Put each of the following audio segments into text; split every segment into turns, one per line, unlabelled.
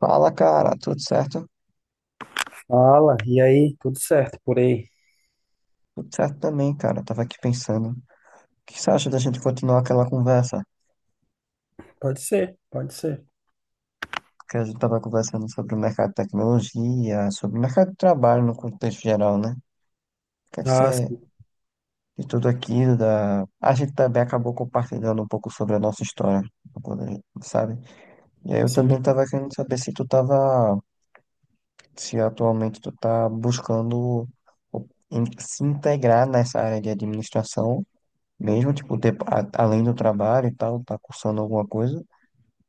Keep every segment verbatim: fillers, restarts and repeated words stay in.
Fala, cara, tudo certo?
Fala, e aí? Tudo certo por aí?
Tudo certo também, cara. Tava aqui pensando. O que você acha da gente continuar aquela conversa?
Pode ser, pode ser.
Que a gente tava conversando sobre o mercado de tecnologia, sobre o mercado de trabalho no contexto geral, né? O que é que
Ah, sim,
você, de tudo aquilo, da... a gente também acabou compartilhando um pouco sobre a nossa história, quando a gente- sabe? E aí eu também
sim.
tava querendo saber se tu tava, se atualmente tu tá buscando o- em- se integrar nessa área de administração mesmo, tipo, ter, a- além do trabalho e tal, tá cursando alguma coisa?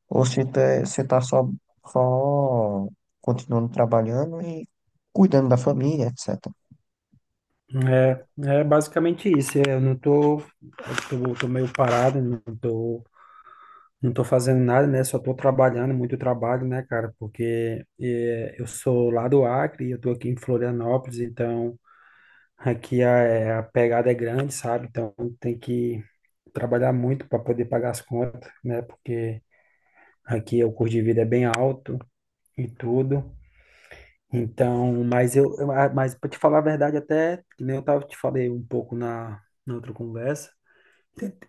Ou se tá, você tá só, só continuando trabalhando e cuidando da família, etcétera.
É, é basicamente isso. É, eu não tô, eu tô, tô meio parado, não tô, não tô fazendo nada, né? Só tô trabalhando, muito trabalho, né, cara? Porque é, eu sou lá do Acre, eu tô aqui em Florianópolis, então aqui a, é, a pegada é grande, sabe? Então tem que trabalhar muito para poder pagar as contas, né? Porque aqui o custo de vida é bem alto e tudo. Então, mas eu, eu- ah, mas para te falar a verdade, até que nem eu tava te falei um pouco na, na outra conversa,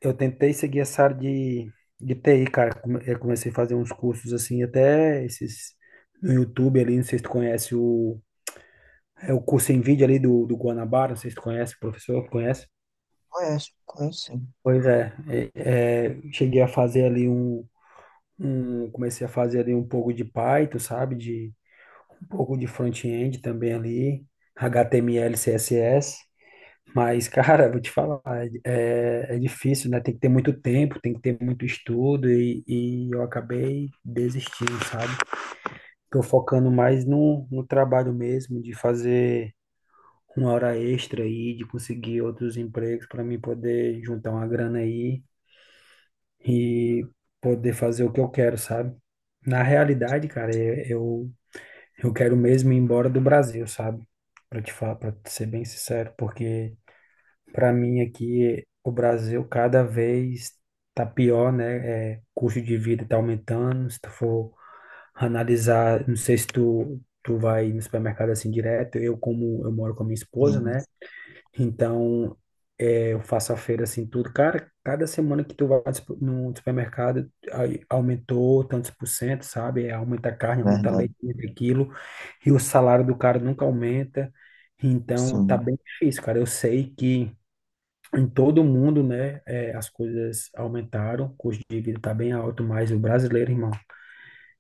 eu tentei seguir essa área de, de T I, cara. Come- Eu comecei a fazer uns cursos assim, até esses no YouTube ali, não sei se tu conhece o, é o curso em vídeo ali do, do Guanabara, não sei se tu conhece, o professor, conhece?
Conhece, conhece sim.
Pois é, é, é, cheguei a fazer ali um, um, comecei a fazer ali um pouco de Python, sabe? De um pouco de front-end também ali, H T M L, C S S. Mas, cara, vou te falar, é, é difícil, né? Tem que ter muito tempo, tem que ter muito estudo e, e eu acabei desistindo, sabe? Tô focando mais no, no trabalho mesmo, de fazer uma hora extra aí, de conseguir outros empregos para mim poder juntar uma grana aí e poder fazer o que eu quero, sabe? Na realidade, cara, eu, eu eu quero mesmo ir embora do Brasil, sabe? Para te falar, para ser bem sincero, porque para mim aqui, o Brasil cada vez tá pior, né? É, custo de vida tá aumentando. Se tu for analisar, não sei se tu, tu vai no supermercado assim direto. Eu, como eu moro com a minha esposa,
Hum,
né? Então, é, eu faço a feira assim tudo. Cara, cada semana que tu vai no supe- no supermercado, aí aumentou tantos por cento, sabe? É, aumenta a carne, aumenta a
verdade,
leite, aumenta aquilo. E o salário do cara nunca aumenta. Então, tá
sim.
bem difícil, cara. Eu sei que em todo o mundo, né, é, as coisas aumentaram, o custo de vida está bem alto, mas o brasileiro, irmão,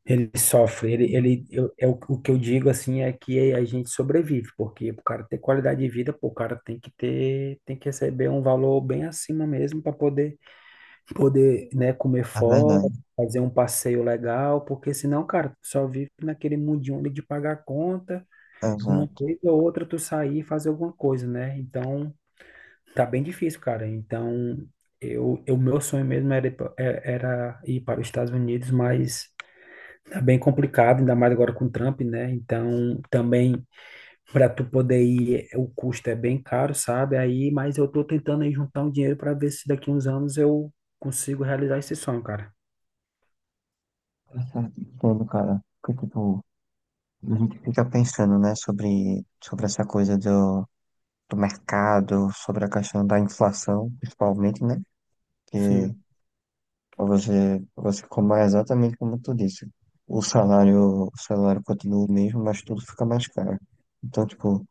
ele sofre, ele, ele eu, é o, o que eu digo, assim, é que a gente sobrevive, porque o cara ter qualidade de vida, pô, o cara tem que ter, tem que receber um valor bem acima mesmo para poder, poder, né, comer
É
fora,
verdade,
fazer um passeio legal, porque senão, cara, tu só vive naquele mundinho ali de pagar conta, uma
exato.
vez ou outra tu sair e fazer alguma coisa, né, então. Tá bem difícil, cara. Então, eu, eu meu sonho mesmo era ir, pa- é- era ir para os Estados Unidos, mas tá bem complicado, ainda mais agora com o Trump, né? Então, também para tu poder ir, é- o custo é bem caro, sabe? Aí, mas eu tô tentando aí juntar um dinheiro para ver se daqui uns anos eu consigo realizar esse sonho, cara.
Exato, entendo, cara. Porque, tipo, a gente fica pensando, né, sobre, sobre essa coisa do, do mercado, sobre a questão da inflação, principalmente, né?
Sim,
Você, você compara exatamente como tu disse. O salário, o salário continua o mesmo, mas tudo fica mais caro. Então, tipo,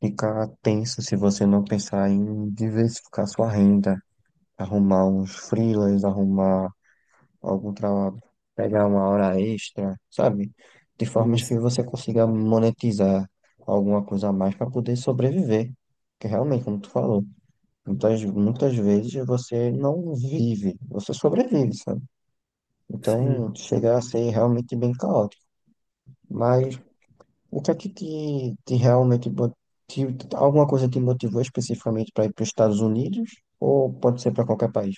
fica tenso se você não pensar em diversificar sua renda, arrumar uns freelas, arrumar algum trabalho, pegar uma hora extra, sabe? De formas
isso.
que você consiga monetizar alguma coisa a mais para poder sobreviver. Que realmente, como tu falou, muitas, muitas vezes você não vive, você sobrevive, sabe?
Sim.
Então, chega a ser realmente bem caótico. Mas o que é que te, te realmente mo- te, alguma coisa te motivou especificamente para ir para os Estados Unidos? Ou pode ser para qualquer país?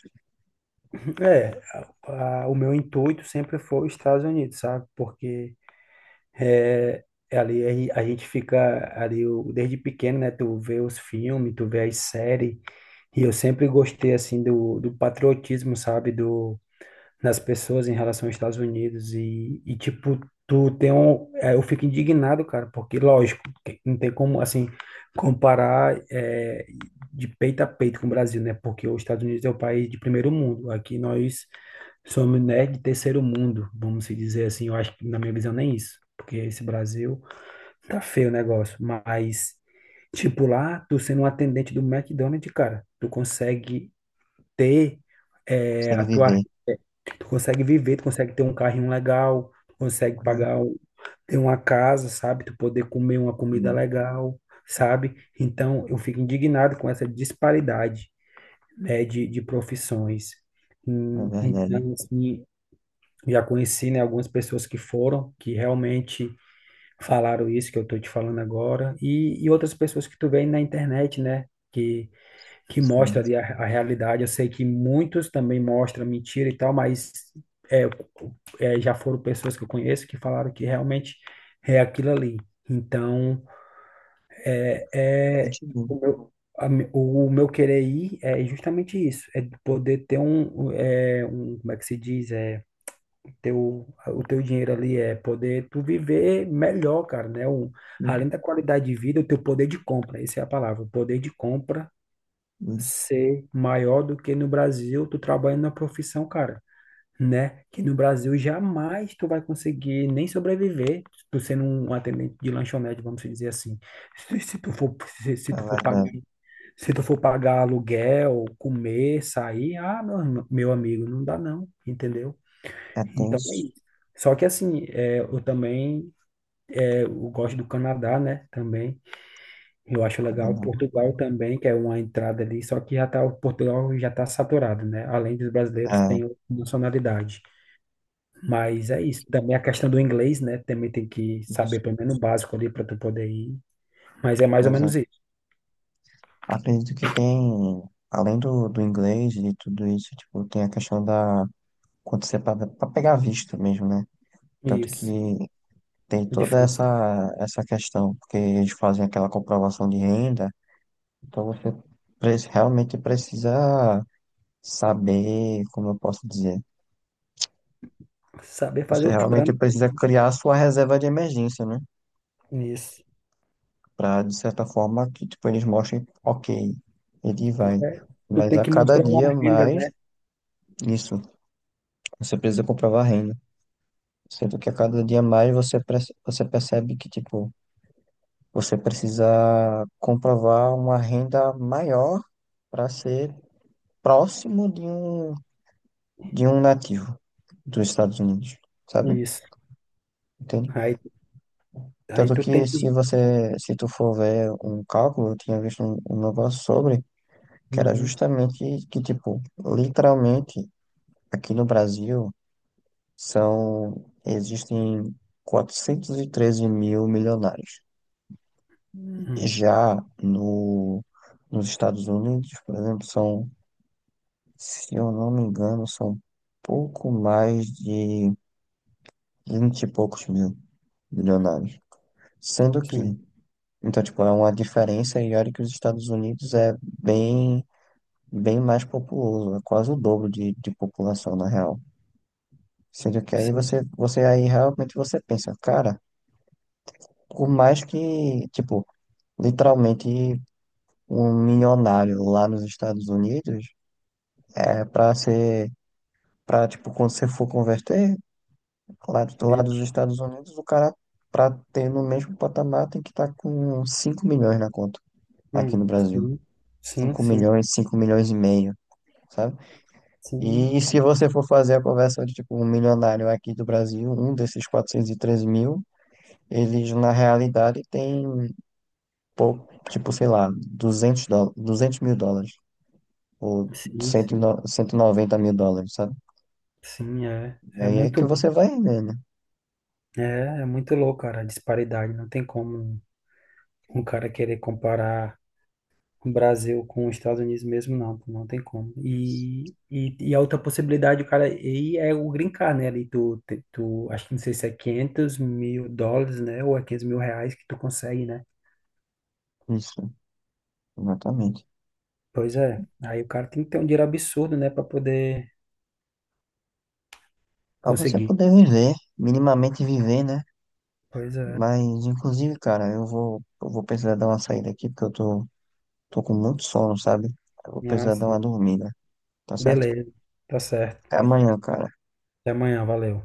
É, a- a- o meu intuito sempre foi os Estados Unidos, sabe? Porque É, é ali a gen- a gente fica ali, o- desde pequeno, né? Tu vê os filmes, tu vê as séries, e eu sempre gostei assim do, do patriotismo, sabe? Do, das pessoas em relação aos Estados Unidos e, e tipo, tu tem um, é, eu fico indignado, cara, porque lógico, que não tem como assim comparar é, de peito a peito com o Brasil, né? Porque os Estados Unidos é o país de primeiro mundo, aqui nós somos, né, de terceiro mundo, vamos se dizer assim. Eu acho que, na minha visão, nem isso. Porque esse Brasil tá feio o negócio. Mas, tipo, lá, tu sendo um atendente do McDonald's, cara, tu consegue ter é,
Consegue
a tua.
viver,
Tu consegue viver, tu consegue ter um carrinho legal, tu consegue
né?
pagar, um- ter uma casa, sabe? Tu poder comer uma comida
Sim,
legal, sabe? Então, eu fico indignado com essa disparidade, né, de, de profissões.
é
Hum,
verdade.
Então, assim, já conheci, né, algumas pessoas que foram, que realmente falaram isso que eu estou te falando agora, e, e outras pessoas que tu vê na internet, né, que, que mostra
Sim,
ali a, a realidade. Eu sei que muitos também mostram mentira e tal, mas é, é, já foram pessoas que eu conheço que falaram que realmente é aquilo ali. Então,
é
é,
muito bom.
o meu, a me- o meu querer ir é justamente isso, é poder ter um, é, um, como é que se diz? É, teu, o teu dinheiro ali é poder tu viver melhor, cara, né? O,
Sim,
além da qualidade de vida, o teu poder de compra, essa é a palavra, o poder de compra
isso.
ser maior do que no Brasil, tu trabalhando na profissão, cara, né? Que no Brasil jamais tu vai conseguir nem sobreviver, tu sendo um atendente de lanchonete, vamos dizer assim. Se, se tu for, se, se
É
tu for
verdade.
pagar, se tu for pagar aluguel, comer, sair, ah, meu, meu amigo, não dá não, entendeu?
É
Então é
tenso.
isso. Só que assim, é, eu também é, eu gosto do Canadá, né? Também. Eu acho
Quando
legal.
não.
Portugal também, que é uma entrada ali, só que já tá, o Portugal já está saturado, né? Além dos brasileiros,
É,
tem outra nacionalidade. Mas é isso. Também a questão do inglês, né? Também tem que saber
isso.
pelo menos o básico ali para tu poder ir. Mas é mais ou menos
Exato.
isso.
Acredito que tem, além do, do inglês e de tudo isso, tipo, tem a questão da, quando você para pegar visto mesmo, né? Tanto
Isso.
que tem
É
toda
difícil.
essa, essa questão, porque eles fazem aquela comprovação de renda, então você pre- realmente precisa saber, como eu posso dizer,
Saber fazer
você
o
realmente
trâmite,
precisa criar a sua reserva de emergência, né?
né? Isso.
Para, de certa forma, que tipo, eles mostrem, ok, ele
Tu,
vai.
é, tu
Mas
tem
a
que
cada
mostrar uma
dia
renda,
mais,
né?
isso, você precisa comprovar a renda. Sendo que a cada dia mais você, perce- você percebe que, tipo, você precisa comprovar uma renda maior para ser próximo de um, de um nativo dos Estados Unidos, sabe?
Isso.
Entende?
Aí, aí
Tanto
tu tem
que se
que.
você, se tu for ver um cálculo, eu tinha visto um, um negócio sobre, que era
Uhum.
justamente que, tipo, literalmente, aqui no Brasil, são, existem quatrocentos e treze mil milionários.
Hum,
Já no, nos Estados Unidos, por exemplo, são, se eu não me engano, são pouco mais de vinte e poucos mil bilionários. Sendo que,
sim,
então, tipo, é uma diferença e olha que os Estados Unidos é bem, bem mais populoso, é quase o dobro de, de população, na real. Sendo que aí
sim,
você, você aí realmente você pensa, cara, por mais que, tipo, literalmente um milionário lá nos Estados Unidos é pra ser, pra, tipo, quando você for converter, lá, do- lá
meio.
dos Estados Unidos, o cara, pra ter no mesmo patamar, tem que estar com cinco milhões na conta aqui
Hum,
no Brasil.
sim, sim,
Cinco
sim,
milhões, cinco milhões e meio, sabe?
sim,
E se você for fazer a conversão de, tipo, um milionário aqui do Brasil, um desses quatrocentos e treze mil, eles, na realidade, tem pouco, tipo, sei lá, duzentos dó- duzentos mil dólares, ou cento
sim,
cento e
sim,
no- cento e noventa mil dólares, sabe?
sim, é,
E
é
aí é que
muito,
você vai ver, né?
é, é muito louco, cara, a disparidade, não tem como um cara querer comparar o Brasil com os Estados Unidos mesmo, não, pô, não tem como, e, e, e a outra possibilidade, o cara, e é o green card, né, ali tu, te- tu, acho que não sei se é quinhentos mil dólares, né, ou é quinhentos mil reais que tu consegue, né,
Isso, exatamente.
pois é, aí o cara tem que ter um dinheiro absurdo, né, pra poder
Pra você
conseguir.
poder viver, minimamente viver, né?
Pois é.
Mas, inclusive, cara, eu vou, eu vou precisar dar uma saída aqui, porque eu tô tô com muito sono, sabe? Eu vou
Ah,
precisar dar uma
sim.
dormida, tá certo?
Beleza. Tá certo.
Até amanhã, cara.
Até amanhã. Valeu.